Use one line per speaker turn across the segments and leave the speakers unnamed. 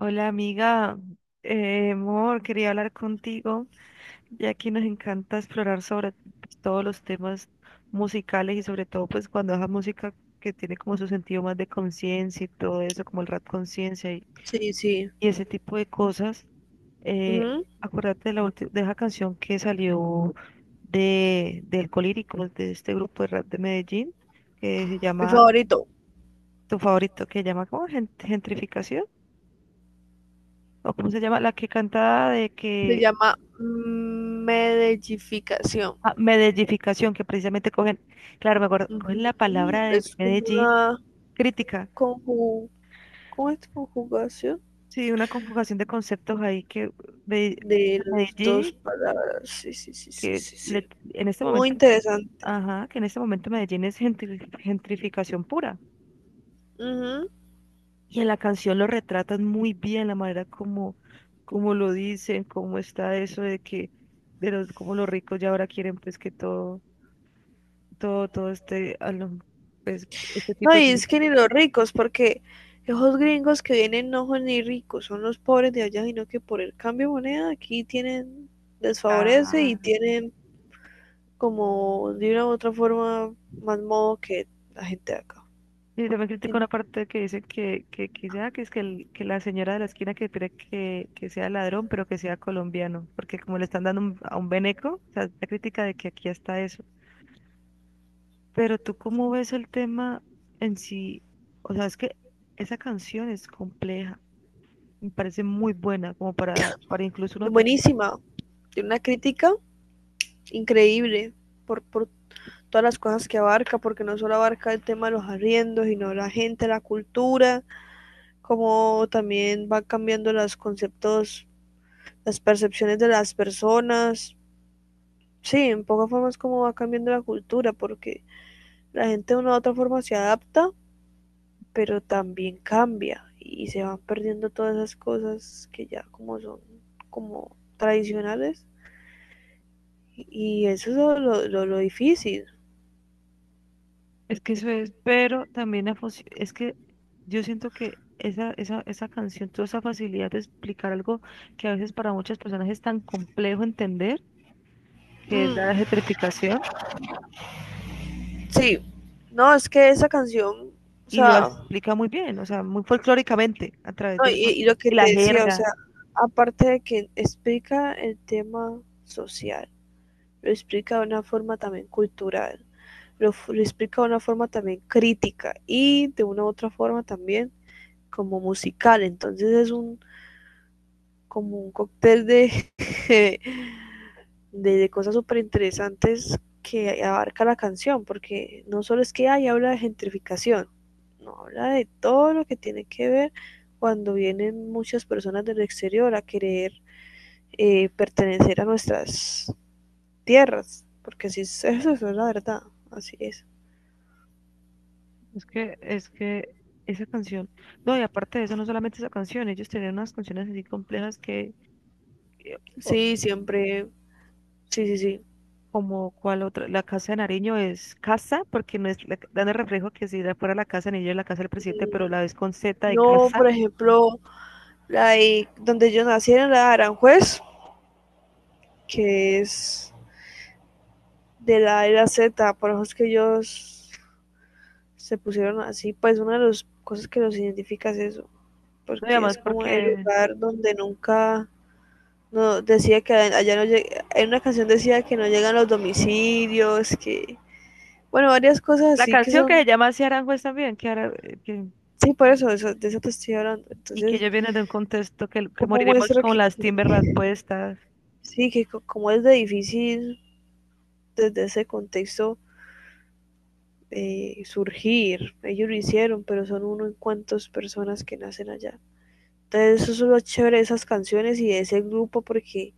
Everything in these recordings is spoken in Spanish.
Hola amiga, amor, quería hablar contigo, ya que nos encanta explorar sobre todos los temas musicales y sobre todo pues cuando es la música que tiene como su sentido más de conciencia y todo eso, como el rap conciencia y,
Sí, sí.
y ese tipo de cosas. Eh,
Ujú.
Acuérdate de la de esa canción que salió del colírico de este grupo de rap de Medellín, que se
Mi
llama,
favorito
tu favorito, que se llama como gentrificación, o cómo se llama, la que canta de
se
que
llama medellificación.
Ah, medellificación, que precisamente cogen, claro, me acuerdo, cogen la
Ujú.
palabra de
Es como
Medellín,
una
crítica.
conju- ¿cómo es? Conjugación
Sí, una conjugación de conceptos ahí que Mede-
de las dos
Medellín,
palabras. Sí, sí, sí, sí,
que
sí,
le-
sí.
en este
Muy
momento,
interesante.
ajá, que en este momento Medellín es gentrificación pura.
Ujú.
Y en la canción lo retratan muy bien, la manera como, como lo dicen, cómo está eso de que, de los, cómo los ricos ya ahora quieren pues que todo, todo, todo este, pues, este
No,
tipo
y
de...
es que ni los ricos, porque esos gringos que vienen no son ni ricos, son los pobres de allá, sino que por el cambio de moneda aquí tienen, les favorece y tienen como de una u otra forma más modo que la gente de acá.
Y también critico una parte que dice que, que es que, que la señora de la esquina que espera que sea ladrón, pero que sea colombiano, porque como le están dando a un beneco, o sea, la crítica de que aquí está eso. Pero tú cómo ves el tema en sí, o sea, es que esa canción es compleja, me parece muy buena, como para incluso uno.
Buenísima, tiene una crítica increíble por todas las cosas que abarca, porque no solo abarca el tema de los arriendos, sino la gente, la cultura, como también va cambiando los conceptos, las percepciones de las personas. Sí, en pocas formas como va cambiando la cultura, porque la gente de una u otra forma se adapta, pero también cambia y se van perdiendo todas esas cosas que ya como son como tradicionales, y eso es lo difícil.
Es que eso es, pero también la es que yo siento que esa canción, toda esa facilidad de explicar algo que a veces para muchas personas es tan complejo entender, que es
Mm,
la gentrificación,
sí, no, es que esa canción, o
y lo
sea, no,
explica muy bien, o sea, muy folclóricamente a través del
y lo
folclore.
que
Y la
te decía, o sea,
jerga.
aparte de que explica el tema social, lo explica de una forma también cultural, explica de una forma también crítica y de una u otra forma también como musical. Entonces es un como un cóctel de, de, de cosas súper interesantes que abarca la canción, porque no solo es que hay habla de gentrificación, no habla de todo lo que tiene que ver cuando vienen muchas personas del exterior a querer pertenecer a nuestras tierras, porque así es, eso es la verdad, así es.
Es que esa canción, no, y aparte de eso, no solamente esa canción, ellos tenían unas canciones así complejas que,
Sí, siempre, sí, sí, sí.
como cuál otra, la Casa de Nariño es casa, porque no es, dan el reflejo que si fuera la Casa de Nariño es la Casa del Presidente,
Mm.
pero la ves con Z de
No, por
casa,
ejemplo, donde yo nací, en la de Aranjuez, que es de la era Z, por eso es que ellos se pusieron así, pues una de las cosas que los identifica es eso,
no, y
porque
además
es como
porque
el lugar donde nunca no decía que allá no llega, en una canción decía que no llegan los domicilios, que bueno, varias cosas
la
así que
canción que se
son,
llama Así Aranjuez también, que, ahora, que-
sí, por eso, eso de eso te estoy hablando.
y que
Entonces,
ellos vienen de un contexto que
como
moriremos
muestra
con las
que
Timberland puestas,
sí, que como es de difícil desde ese contexto surgir, ellos lo hicieron, pero son uno en cuantos personas que nacen allá. Entonces eso es lo chévere de esas canciones y de ese grupo porque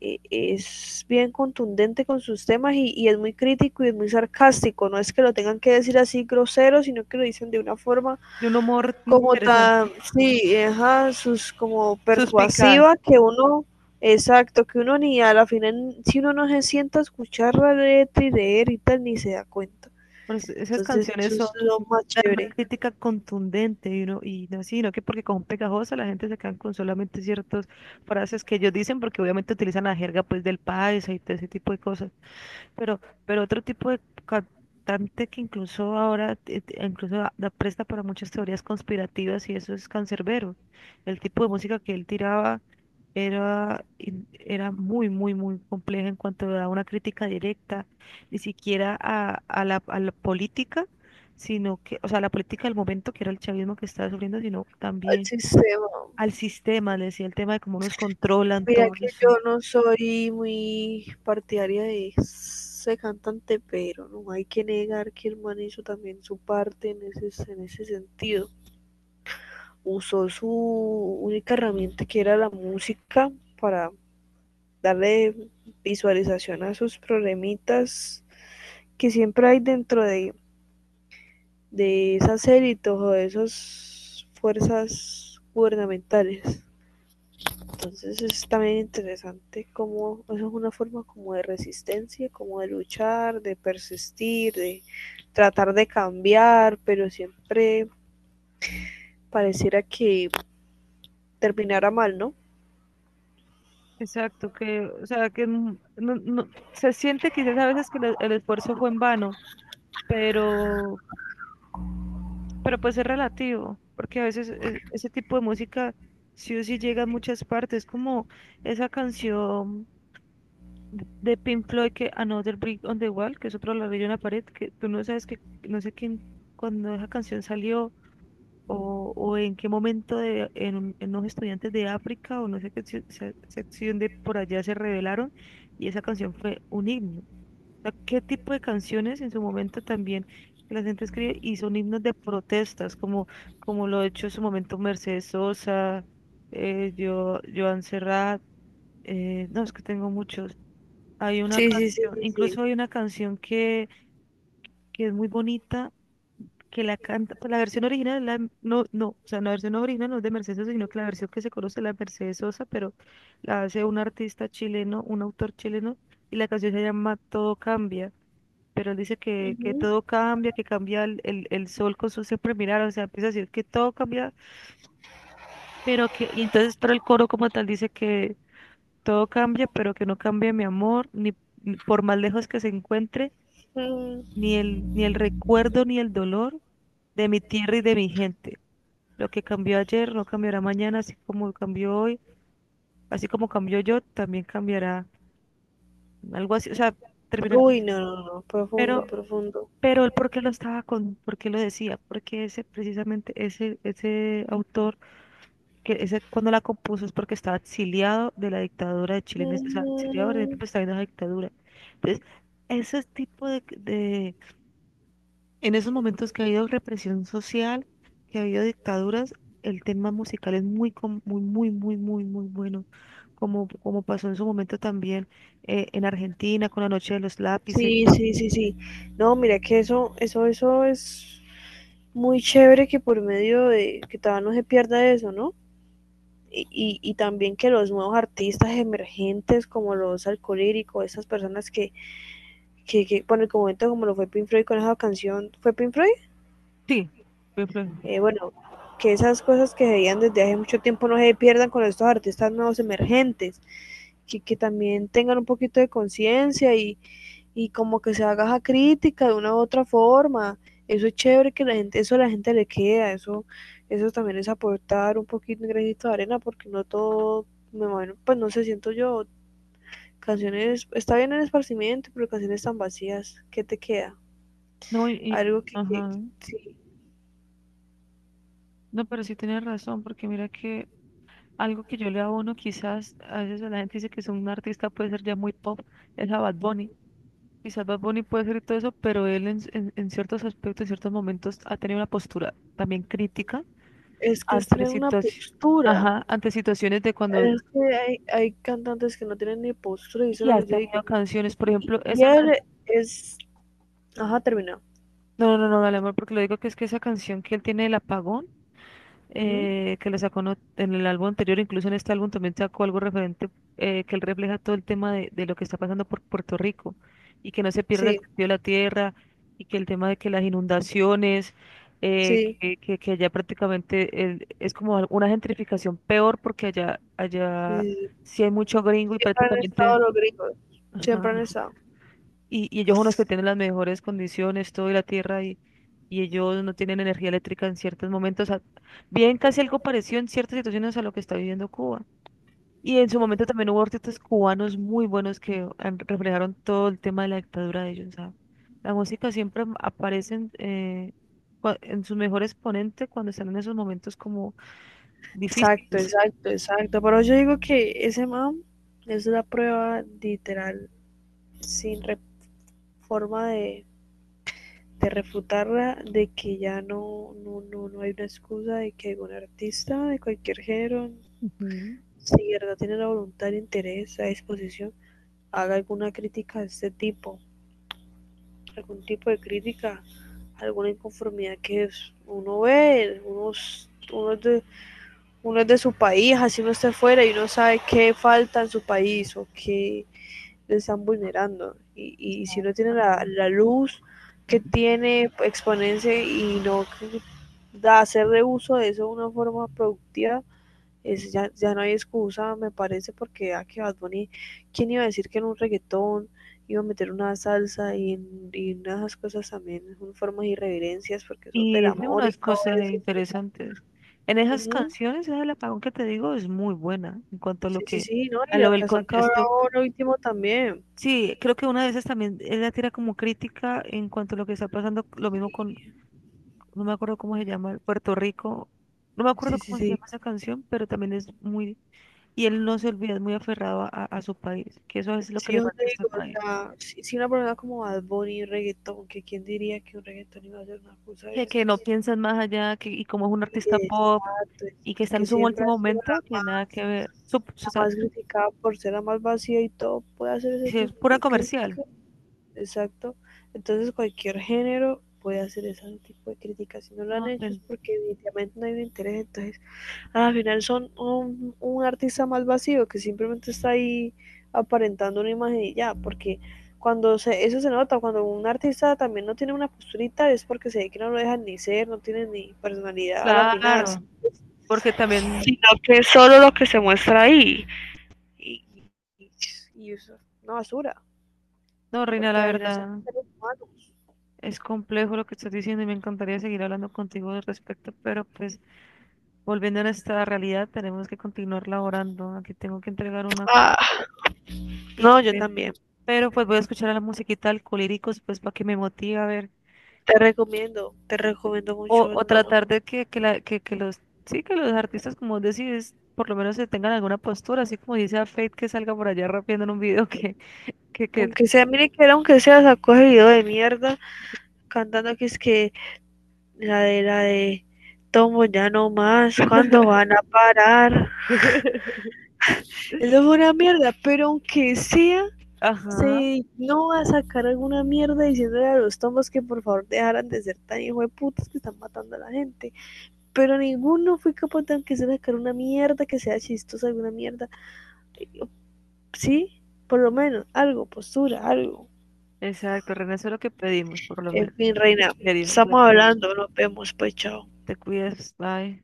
es bien contundente con sus temas y es muy crítico y es muy sarcástico. No es que lo tengan que decir así grosero, sino que lo dicen de una forma
de un humor
como
interesante,
tan, sí, ajá, sus como
suspicaz.
persuasiva que uno, exacto, que uno ni a la final, si uno no se sienta a escuchar la letra y leer y tal, ni se da cuenta.
Por eso esas
Entonces eso
canciones son,
es lo más
dan una
chévere
crítica contundente y uno, y no sino que porque con pegajosa la gente se queda con solamente ciertas frases que ellos dicen porque obviamente utilizan la jerga pues del país y todo ese tipo de cosas. Pero otro tipo de cantante que incluso ahora incluso da presta para muchas teorías conspirativas y eso es Cancerbero. El tipo de música que él tiraba era, era muy compleja en cuanto a una crítica directa, ni siquiera a la política, sino que, o sea, la política del momento, que era el chavismo que estaba sufriendo, sino
al
también
sistema.
al sistema, le decía el tema de cómo nos controlan
Mira
todo
que
eso.
yo no soy muy partidaria de ese cantante, pero no hay que negar que el man hizo también su parte en ese sentido. Usó su única herramienta, que era la música, para darle visualización a sus problemitas que siempre hay dentro de esas élites o de esas fuerzas gubernamentales. Entonces es también interesante como es una forma como de resistencia, como de luchar, de persistir, de tratar de cambiar, pero siempre pareciera que terminara mal, ¿no?
Exacto, que, o sea, que se siente quizás a veces que el esfuerzo fue en vano, pero, pero pues es relativo, porque a veces ese tipo de música sí o sí llega a muchas partes, como esa canción de Pink Floyd que Another Brick on the Wall, que es otro ladrillo en la pared, que tú no sabes que, no sé quién, cuando esa canción salió o en qué momento de, en, en los estudiantes de África o no sé qué sección de por allá se revelaron y esa canción fue un himno. O sea, ¿qué tipo de canciones en su momento también que la gente escribe y son himnos de protestas, como, como lo ha hecho en su momento Mercedes Sosa, yo, Joan Serrat, no, es que tengo muchos. Hay una
Sí, sí, sí,
canción,
sí, sí.
incluso hay una canción que es muy bonita que la canta, pues la versión original, la, no, no, o sea, la versión original no es de Mercedes Sosa, sino que la versión que se conoce es la de Mercedes Sosa, pero la hace un artista chileno, un autor chileno, y la canción se llama Todo Cambia, pero él dice que
Ujú.
todo cambia, que cambia el sol con su siempre mirar, o sea, empieza a decir que todo cambia, pero que, y entonces, pero el coro como tal dice que todo cambia, pero que no cambia mi amor, ni ni por más lejos que se encuentre, ni
Mm.
el, ni el recuerdo, ni el dolor de mi tierra y de mi gente. Lo que cambió ayer no cambiará mañana, así como cambió hoy, así como cambió yo, también cambiará algo así, o sea, termina el
Uy,
cuento.
no, no, no, profundo,
Pero,
profundo.
pero el por qué lo estaba con, por qué lo decía, porque ese, precisamente ese, ese autor, que ese, cuando la compuso es porque estaba exiliado de la dictadura de Chile, en o sea, exiliado en el
Mm.
tiempo estaba viendo la dictadura. Entonces, ese tipo de, en esos momentos que ha habido represión social, que ha habido dictaduras, el tema musical es muy, muy bueno. Como, como pasó en su momento también en Argentina con la Noche de los Lápices.
Sí, sí, sí, sí. No, mira que eso es muy chévere, que por medio de que todavía no se pierda eso, ¿no? Y, y también que los nuevos artistas emergentes como los alcohólicos, esas personas que bueno, en el momento como lo fue Pink Floyd con esa canción, ¿fue Pink Floyd?
Sí, Pink Floyd.
Bueno, que esas cosas que se veían desde hace mucho tiempo no se pierdan con estos artistas nuevos emergentes, que también tengan un poquito de conciencia y como que se haga esa crítica de una u otra forma. Eso es chévere que la gente, eso a la gente le queda, eso también es aportar un poquito, un granito de arena, porque no todo, me bueno, pues no se sé, siento yo, canciones, está bien el esparcimiento, pero canciones tan vacías, ¿qué te queda?
No,
Algo
ajá.
que sí,
No, pero sí tienes razón, porque mira que algo que yo le abono, quizás a veces la gente dice que es un artista, puede ser ya muy pop, es a Bad Bunny. Quizás Bad Bunny puede ser y todo eso, pero él en, en ciertos aspectos, en ciertos momentos ha tenido una postura también crítica
es que es
ante
tener una postura.
ajá, ante situaciones de cuando
Es que hay cantantes que no tienen ni postura y eso
y
es lo que
has
yo
tenido
digo.
canciones, por
Y,
ejemplo,
y
esa
él es, ajá, terminó.
no, no, no, no, dale amor, porque lo digo que es que esa canción que él tiene del apagón,
Ujú.
que lo sacó en en el álbum anterior, incluso en este álbum también sacó algo referente, que él refleja todo el tema de lo que está pasando por Puerto Rico y que no se pierda el
Sí,
sentido de la tierra y que el tema de que las inundaciones,
sí,
que allá prácticamente es como una gentrificación peor porque allá, allá
sí, sí. Sí.
sí hay mucho gringo y
Siempre han
prácticamente...
estado los gringos,
Ajá,
siempre han estado.
y ellos son los que tienen las mejores condiciones, todo y la tierra, y ellos no tienen energía eléctrica en ciertos momentos. Bien casi algo parecido en ciertas situaciones a lo que está viviendo Cuba. Y en su momento también hubo artistas cubanos muy buenos que reflejaron todo el tema de la dictadura de ellos. ¿Sabes? La música siempre aparece en, en su mejor exponente cuando están en esos momentos como
Exacto,
difíciles.
exacto, exacto. Pero yo digo que ese man es la prueba literal, sin re- forma de refutarla, de que ya no, no, no, no hay una excusa de que algún artista de cualquier género,
Ujú,
si de verdad tiene la voluntad, el interés, la disposición, haga alguna crítica de este tipo, algún tipo de crítica, alguna inconformidad que uno ve, unos, uno es de su país, así uno está fuera y uno sabe qué falta en su país o qué le están vulnerando. Y si no tiene
exacto.
la luz que tiene, exponerse y no da, hacer de uso de eso de una forma productiva, es, ya, ya no hay excusa, me parece, porque a que Bad Bunny, ¿quién iba a decir que en un reggaetón iba a meter una salsa y unas cosas también, son formas de irreverencias, porque eso del
Y es de
amor y
unas
todo
cosas
eso es como,
interesantes. En esas
ujú,
canciones, esa del apagón que te digo es muy buena en cuanto a lo
sí, sí,
que,
sí, no, y
a lo
la
del
casa cabra
contexto.
ahora último también.
Sí, creo que una de esas también, ella tira como crítica en cuanto a lo que está pasando, lo mismo con, no me acuerdo cómo se llama, Puerto Rico, no me acuerdo
Sí, sí,
cómo se
sí.
llama esa canción, pero también es muy, y él no se olvida, es muy aferrado a, a su país, que eso es lo
Sí,
que le
yo
falta
te
a este
digo, o
país,
sea, si, si una persona como Bad Bunny, reggaetón, que quién diría que un reggaetón iba a ser una cosa de
que
esas.
no piensan más allá, que, y como es un artista pop,
Exacto,
y que
exacto,
está en
que
su
siempre
último
ha sido
momento, que nada que ver. Su-
la más criticada por ser la más vacía y todo, puede hacer ese
sí, es
tipo
pura
de
comercial.
crítica. Exacto. Entonces cualquier género puede hacer ese tipo de crítica. Si no lo han
No,
hecho es porque evidentemente no hay un interés, entonces al final son un artista más vacío que simplemente está ahí aparentando una imagen y ya, porque cuando se, eso se nota, cuando un artista también no tiene una posturita es porque se ve que no lo dejan ni ser, no tiene ni personalidad a la final,
claro, porque también,
sino que es solo lo que se muestra ahí. Y, y- y eso es una basura,
no, Reina,
porque
la
a la final son
verdad,
seres humanos.
es complejo lo que estás diciendo y me encantaría seguir hablando contigo al respecto, pero pues volviendo a nuestra realidad, tenemos que continuar laborando. Aquí tengo que entregar una
Ah, no, yo
ITV,
también.
pero pues voy a escuchar a la musiquita Alcolíricos, pues para que me motive a ver,
Te recomiendo mucho
o
todo.
tratar de que, la, que los, sí, que los artistas, como vos decís, por lo menos se tengan alguna postura, así como dice a Fate que salga por allá rapeando en un video que
Aunque sea, mire que era, aunque sea, sacó ese video de mierda, cantando que es que la de tomo ya no más, ¿cuándo van a parar? Eso fue una mierda, pero aunque sea,
ajá,
se no va a sacar alguna mierda diciéndole a los tomos que por favor dejaran de ser tan hijo de putas que están matando a la gente. Pero ninguno fue capaz de aunque sea sacar una mierda que sea chistosa, alguna mierda. Sí, por lo menos, algo, postura, algo.
exacto, René, eso es lo que pedimos, por lo
En
menos.
fin, reina,
En serio,
estamos
bueno,
hablando, nos vemos, pues chao.
te cuidas, bye.